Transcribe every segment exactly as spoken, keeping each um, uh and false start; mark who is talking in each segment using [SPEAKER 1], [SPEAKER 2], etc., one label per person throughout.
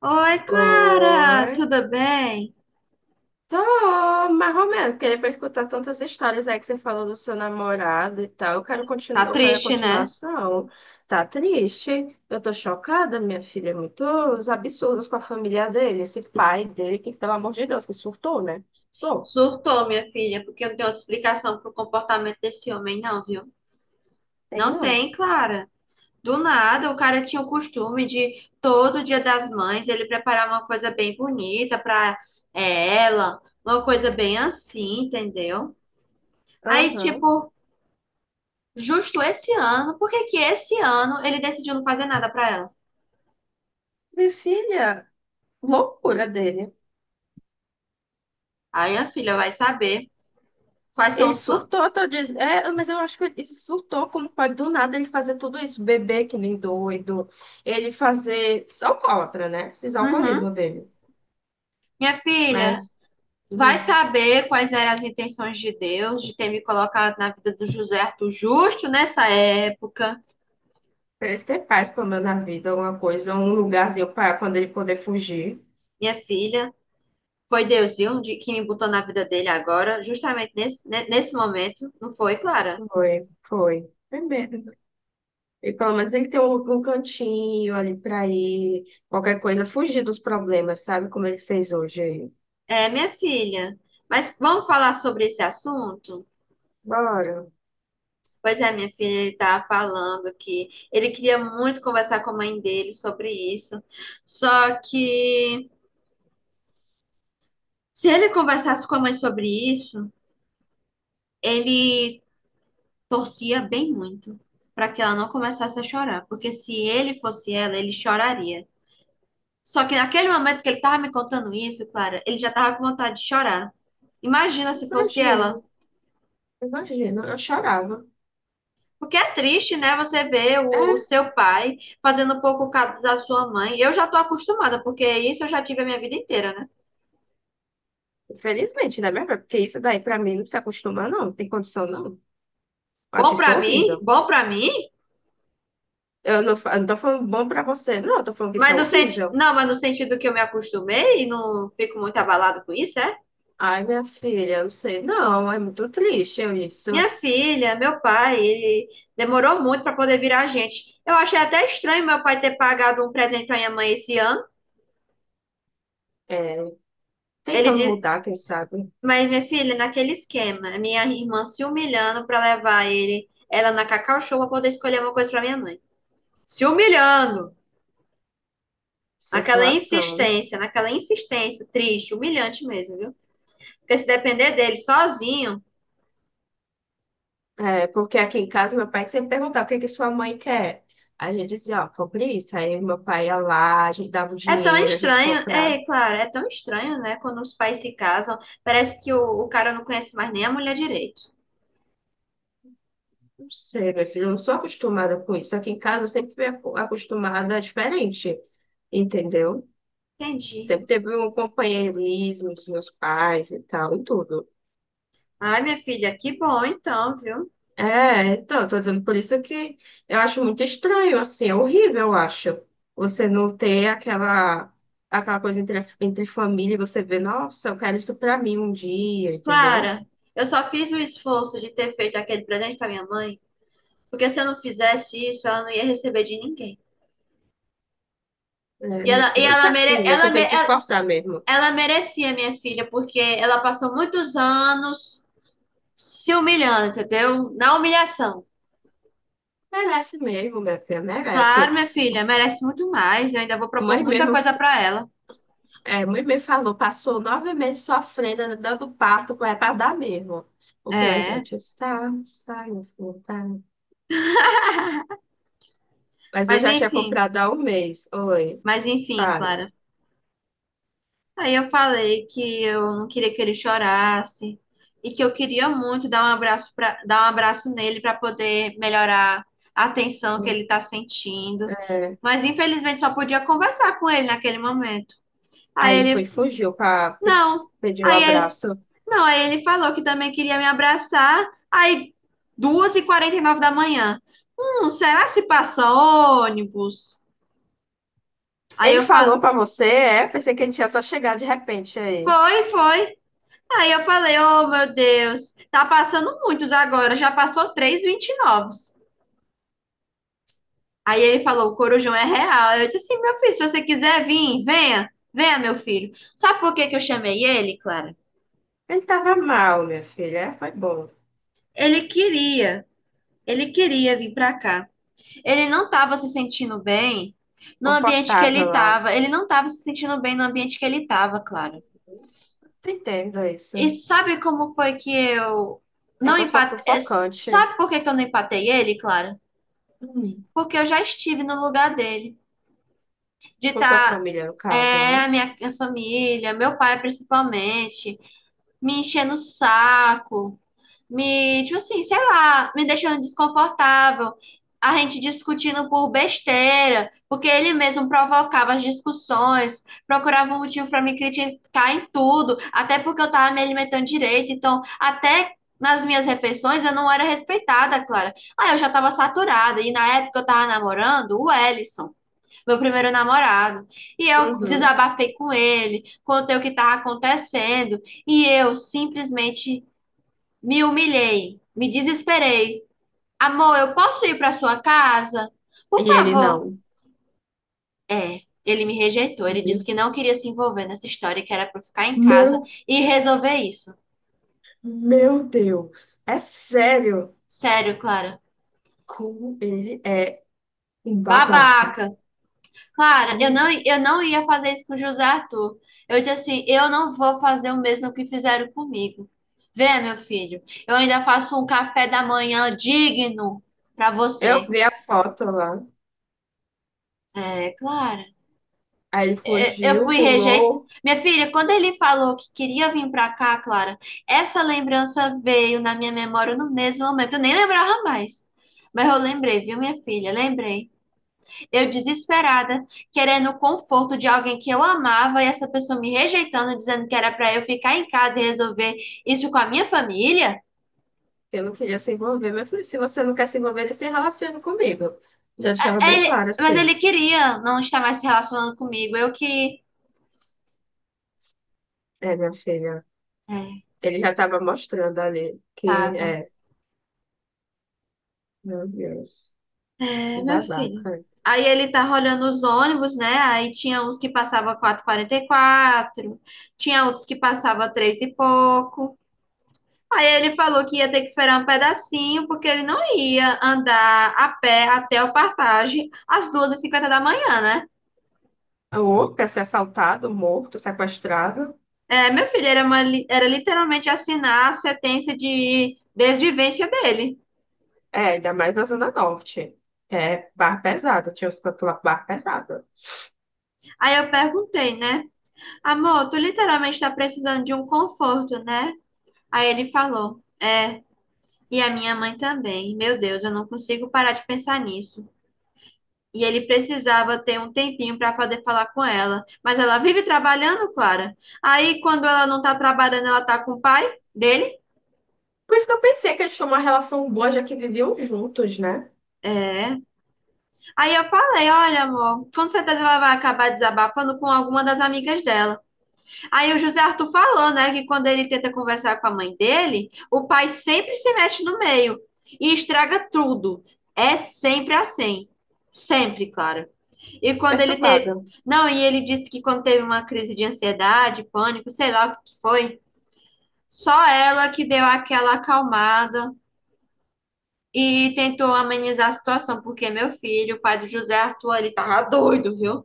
[SPEAKER 1] Oi, Clara,
[SPEAKER 2] Oi,
[SPEAKER 1] tudo bem?
[SPEAKER 2] tô mais ou menos, porque depois de escutar tantas histórias aí que você falou do seu namorado e tal, eu quero, continu
[SPEAKER 1] Tá
[SPEAKER 2] eu quero a
[SPEAKER 1] triste, né?
[SPEAKER 2] continuação. Tá triste? Eu tô chocada, minha filha, muitos absurdos com a família dele, esse pai dele, que pelo amor de Deus, que surtou, né? Tô,
[SPEAKER 1] Surtou, minha filha, porque não tem outra explicação pro comportamento desse homem, não, viu?
[SPEAKER 2] tem
[SPEAKER 1] Não
[SPEAKER 2] não.
[SPEAKER 1] tem, Clara. Do nada, o cara tinha o costume de todo Dia das Mães ele preparar uma coisa bem bonita pra é, ela, uma coisa bem assim, entendeu? Aí,
[SPEAKER 2] Aham.
[SPEAKER 1] tipo, justo esse ano, por que que esse ano ele decidiu não fazer nada pra ela?
[SPEAKER 2] Minha filha, loucura dele.
[SPEAKER 1] Aí, minha filha vai saber quais são
[SPEAKER 2] Ele
[SPEAKER 1] os planos.
[SPEAKER 2] surtou, tô dizendo. É, mas eu acho que ele surtou, como pode do nada ele fazer tudo isso, beber que nem doido, ele fazer só alcoólatra, né? Esses
[SPEAKER 1] Uhum.
[SPEAKER 2] alcoolismo dele.
[SPEAKER 1] Minha filha,
[SPEAKER 2] Mas
[SPEAKER 1] Vai
[SPEAKER 2] hum,
[SPEAKER 1] saber quais eram as intenções de Deus de ter me colocado na vida do José Arthur justo nessa época,
[SPEAKER 2] pra ele ter paz, pelo menos na vida, alguma coisa, um lugarzinho para quando ele poder fugir.
[SPEAKER 1] minha filha. Foi Deus, viu, de- que me botou na vida dele agora, justamente nesse, ne- nesse momento, não foi, Clara?
[SPEAKER 2] Foi, foi. Primeiro. E pelo menos ele tem um, um cantinho ali pra ir, qualquer coisa, fugir dos problemas, sabe? Como ele fez hoje aí.
[SPEAKER 1] É, minha filha. Mas vamos falar sobre esse assunto?
[SPEAKER 2] Bora.
[SPEAKER 1] Pois é, minha filha, ele tá falando que ele queria muito conversar com a mãe dele sobre isso. Só que se ele conversasse com a mãe sobre isso, ele torcia bem muito para que ela não começasse a chorar, porque se ele fosse ela, ele choraria. Só que naquele momento que ele estava me contando isso, Clara, ele já estava com vontade de chorar. Imagina se fosse
[SPEAKER 2] Imagino,
[SPEAKER 1] ela.
[SPEAKER 2] imagino. Eu chorava.
[SPEAKER 1] Porque é triste, né? Você ver o, o
[SPEAKER 2] É,
[SPEAKER 1] seu pai fazendo pouco caso da sua mãe. Eu já tô acostumada, porque isso eu já tive a minha vida inteira, né?
[SPEAKER 2] infelizmente, né, minha filha? Porque isso daí, pra mim, não se acostuma, não. Não tem condição, não. Eu
[SPEAKER 1] Bom
[SPEAKER 2] acho isso
[SPEAKER 1] pra mim,
[SPEAKER 2] horrível.
[SPEAKER 1] bom pra mim,
[SPEAKER 2] Eu não, fa- eu não tô falando bom pra você, não. Eu tô falando que isso é
[SPEAKER 1] mas no senti...
[SPEAKER 2] horrível.
[SPEAKER 1] não, mas no sentido que eu me acostumei e não fico muito abalado com isso, é?
[SPEAKER 2] Ai, minha filha, eu não sei. Não, é muito triste eu isso.
[SPEAKER 1] Minha filha, meu pai, ele demorou muito para poder virar gente. Eu achei até estranho meu pai ter pagado um presente para minha mãe esse ano.
[SPEAKER 2] É,
[SPEAKER 1] Ele
[SPEAKER 2] tentando
[SPEAKER 1] disse,
[SPEAKER 2] mudar, quem sabe,
[SPEAKER 1] mas minha filha, naquele esquema, minha irmã se humilhando para levar ele, ela na Cacau Show para poder escolher uma coisa para minha mãe. Se humilhando. Naquela
[SPEAKER 2] situação.
[SPEAKER 1] insistência, naquela insistência, triste, humilhante mesmo, viu? Porque se depender dele sozinho,
[SPEAKER 2] É, porque aqui em casa, meu pai sempre perguntava o que é que sua mãe quer. Aí a gente dizia, ó, compre isso. Aí meu pai ia lá, a gente dava o
[SPEAKER 1] é tão
[SPEAKER 2] dinheiro, a gente
[SPEAKER 1] estranho,
[SPEAKER 2] comprava.
[SPEAKER 1] é claro, é tão estranho, né? Quando os pais se casam, parece que o, o cara não conhece mais nem a mulher direito.
[SPEAKER 2] Não sei, minha filha, eu não sou acostumada com isso. Aqui em casa eu sempre fui aco- acostumada diferente, entendeu?
[SPEAKER 1] Entendi.
[SPEAKER 2] Sempre teve um companheirismo dos meus pais e tal, e tudo.
[SPEAKER 1] Ai, minha filha, que bom então, viu?
[SPEAKER 2] É, então, eu tô dizendo por isso que eu acho muito estranho, assim, é horrível, eu acho. Você não ter aquela, aquela coisa entre, a- entre família, e você vê, nossa, eu quero isso pra mim um dia, entendeu?
[SPEAKER 1] Clara, eu só fiz o esforço de ter feito aquele presente para minha mãe, porque se eu não fizesse isso, ela não ia receber de ninguém.
[SPEAKER 2] É,
[SPEAKER 1] E
[SPEAKER 2] minha
[SPEAKER 1] ela, e
[SPEAKER 2] filha, você
[SPEAKER 1] ela,
[SPEAKER 2] é
[SPEAKER 1] mere,
[SPEAKER 2] filha,
[SPEAKER 1] ela,
[SPEAKER 2] você
[SPEAKER 1] me-
[SPEAKER 2] tem que se
[SPEAKER 1] ela,
[SPEAKER 2] esforçar mesmo.
[SPEAKER 1] ela merecia, minha filha, porque ela passou muitos anos se humilhando, entendeu? Na humilhação.
[SPEAKER 2] Merece mesmo, minha filha,
[SPEAKER 1] Claro,
[SPEAKER 2] merece.
[SPEAKER 1] minha filha, merece muito mais. Eu ainda vou propor
[SPEAKER 2] Mãe
[SPEAKER 1] muita
[SPEAKER 2] mesmo.
[SPEAKER 1] coisa para ela.
[SPEAKER 2] É, mãe me falou, passou nove meses sofrendo, dando parto, é para dar mesmo. O
[SPEAKER 1] É,
[SPEAKER 2] presente está, está, meu filho, está. Mas eu
[SPEAKER 1] mas
[SPEAKER 2] já tinha
[SPEAKER 1] enfim,
[SPEAKER 2] comprado há um mês. Oi,
[SPEAKER 1] mas enfim,
[SPEAKER 2] fale.
[SPEAKER 1] Clara. Aí eu falei que eu não queria que ele chorasse e que eu queria muito dar um abraço pra, dar um abraço nele para poder melhorar a tensão que ele está sentindo.
[SPEAKER 2] É,
[SPEAKER 1] Mas infelizmente só podia conversar com ele naquele momento. Aí
[SPEAKER 2] aí ele foi,
[SPEAKER 1] ele,
[SPEAKER 2] e fugiu, pra, pe-
[SPEAKER 1] não.
[SPEAKER 2] pediu um
[SPEAKER 1] Aí ele,
[SPEAKER 2] abraço.
[SPEAKER 1] não, aí ele falou que também queria me abraçar. Aí duas e quarenta e nove da manhã. Hum, será que se passa ônibus? Aí
[SPEAKER 2] Ele
[SPEAKER 1] eu falo,
[SPEAKER 2] falou para você, é? Pensei que ele tinha só chegado de repente aí.
[SPEAKER 1] foi, foi. Aí eu falei, oh meu Deus, tá passando muitos agora, já passou três vinte novos. Aí ele falou, o Corujão é real. Eu disse assim, meu filho, se você quiser vir, venha, venha, meu filho. Sabe por que que eu chamei ele, Clara?
[SPEAKER 2] Ele estava mal, minha filha. É, foi bom.
[SPEAKER 1] Ele queria, ele queria vir pra cá. Ele não tava se sentindo bem no ambiente que
[SPEAKER 2] Confortável
[SPEAKER 1] ele
[SPEAKER 2] lá.
[SPEAKER 1] tava. Ele não tava se sentindo bem no ambiente que ele tava, Clara.
[SPEAKER 2] Tô Entendo isso.
[SPEAKER 1] E sabe como foi que eu
[SPEAKER 2] É
[SPEAKER 1] não
[SPEAKER 2] como se fosse
[SPEAKER 1] empatei?
[SPEAKER 2] sufocante.
[SPEAKER 1] Sabe por que que eu não empatei ele, Clara?
[SPEAKER 2] Hum.
[SPEAKER 1] porque eu já estive no lugar dele, de
[SPEAKER 2] Com sua
[SPEAKER 1] estar,
[SPEAKER 2] família, no caso,
[SPEAKER 1] é, a
[SPEAKER 2] né?
[SPEAKER 1] minha a família, meu pai principalmente, me enchendo o saco, me, tipo assim, sei lá, me deixando desconfortável, a gente discutindo por besteira, porque ele mesmo provocava as discussões, procurava um motivo para me criticar em tudo, até porque eu tava me alimentando direito, então até nas minhas refeições eu não era respeitada, Clara. Ah, eu já tava saturada e na época eu tava namorando o Ellison, meu primeiro namorado. E eu
[SPEAKER 2] Uhum.
[SPEAKER 1] desabafei com ele, contei o que estava acontecendo, e eu simplesmente me humilhei, me desesperei. Amor, eu posso ir para sua casa?
[SPEAKER 2] E
[SPEAKER 1] Por
[SPEAKER 2] ele
[SPEAKER 1] favor.
[SPEAKER 2] não.
[SPEAKER 1] É. Ele me rejeitou, ele disse
[SPEAKER 2] Entendeu?
[SPEAKER 1] que não queria se envolver nessa história, que era para eu ficar em casa
[SPEAKER 2] Meu,
[SPEAKER 1] e resolver isso.
[SPEAKER 2] meu Deus, é sério
[SPEAKER 1] Sério, Clara.
[SPEAKER 2] como ele é um babaca.
[SPEAKER 1] Babaca. Clara, eu não, eu não ia fazer isso com o José Arthur. Eu disse assim, eu não vou fazer o mesmo que fizeram comigo. Vê, meu filho, eu ainda faço um café da manhã digno para
[SPEAKER 2] Eu
[SPEAKER 1] você.
[SPEAKER 2] vi a foto lá,
[SPEAKER 1] É, Clara,
[SPEAKER 2] aí ele
[SPEAKER 1] é, eu
[SPEAKER 2] fugiu,
[SPEAKER 1] fui rejeitada.
[SPEAKER 2] pulou,
[SPEAKER 1] Minha filha, quando ele falou que queria vir para cá, Clara, essa lembrança veio na minha memória no mesmo momento. Eu nem lembrava mais. Mas eu lembrei, viu, minha filha? Lembrei. Eu desesperada, querendo o conforto de alguém que eu amava e essa pessoa me rejeitando, dizendo que era para eu ficar em casa e resolver isso com a minha família.
[SPEAKER 2] eu não queria se envolver, mas eu falei, se você não quer se envolver, ele se relaciona comigo. Já deixava bem
[SPEAKER 1] Ele-
[SPEAKER 2] claro
[SPEAKER 1] mas
[SPEAKER 2] assim,
[SPEAKER 1] ele queria não estar mais se relacionando comigo. Eu que.
[SPEAKER 2] é, minha filha,
[SPEAKER 1] É,
[SPEAKER 2] ele já estava mostrando ali que
[SPEAKER 1] tava.
[SPEAKER 2] é, meu Deus, que
[SPEAKER 1] É, meu filho.
[SPEAKER 2] babaca.
[SPEAKER 1] Aí ele tava olhando os ônibus, né? Aí tinha uns que passava quatro e quarenta e quatro, tinha outros que passava três e pouco. Aí ele falou que ia ter que esperar um pedacinho, porque ele não ia andar a pé até o Partage às duas e cinquenta da manhã, né?
[SPEAKER 2] Ou quer ser assaltado, morto, sequestrado,
[SPEAKER 1] É, meu filho, era, uma li- era literalmente assinar a sentença de desvivência dele.
[SPEAKER 2] é, ainda mais na Zona Norte, que é barra pesada, tinha os cantos lá com barra pesada.
[SPEAKER 1] Aí eu perguntei, né? Amor, tu literalmente tá precisando de um conforto, né? Aí ele falou, é, e a minha mãe também. Meu Deus, eu não consigo parar de pensar nisso. e ele precisava ter um tempinho para poder falar com ela. Mas ela vive trabalhando, Clara. Aí, quando ela não tá trabalhando, ela tá com o pai dele.
[SPEAKER 2] Por isso que eu pensei que eles tinham uma relação boa, já que viviam juntos, né?
[SPEAKER 1] É. Aí eu falei: olha, amor, com certeza ela vai acabar desabafando com alguma das amigas dela. Aí o José Arthur falou, né, que quando ele tenta conversar com a mãe dele, o pai sempre se mete no meio e estraga tudo. É sempre assim. Sempre, Clara. E quando ele teve.
[SPEAKER 2] Perturbada.
[SPEAKER 1] Não, e ele disse que quando teve uma crise de ansiedade, pânico, sei lá o que que foi, só ela que deu aquela acalmada e tentou amenizar a situação, porque meu filho, o pai do José Arthur, ele tava doido, viu?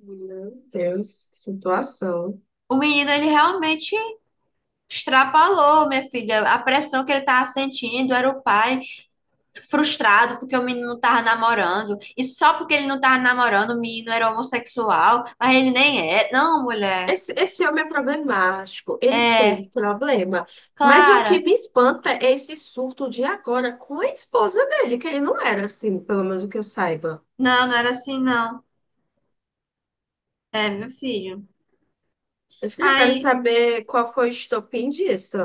[SPEAKER 2] Meu Deus, que situação.
[SPEAKER 1] O menino, ele realmente extrapolou, minha filha. A pressão que ele tava sentindo era o pai frustrado porque o menino não tava namorando. E só porque ele não tava namorando, o menino era homossexual, mas ele nem é. Não, mulher.
[SPEAKER 2] Esse, esse homem é problemático, ele
[SPEAKER 1] É,
[SPEAKER 2] tem problema. Mas o que
[SPEAKER 1] Clara.
[SPEAKER 2] me espanta é esse surto de agora com a esposa dele, que ele não era assim, pelo menos o que eu saiba.
[SPEAKER 1] Não, não era assim, não. É, meu filho.
[SPEAKER 2] Eu falei, eu quero
[SPEAKER 1] Aí,
[SPEAKER 2] saber qual foi o estopim disso.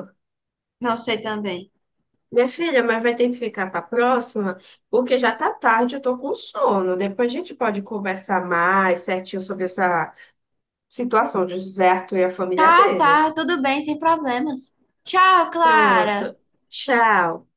[SPEAKER 1] não sei também.
[SPEAKER 2] Minha filha, mas vai ter que ficar para a próxima, porque já tá tarde, eu tô com sono. Depois a gente pode conversar mais certinho sobre essa situação de José Arthur e a família
[SPEAKER 1] Tá,
[SPEAKER 2] dele.
[SPEAKER 1] tá, tudo bem, sem problemas. Tchau, Clara.
[SPEAKER 2] Pronto. Tchau.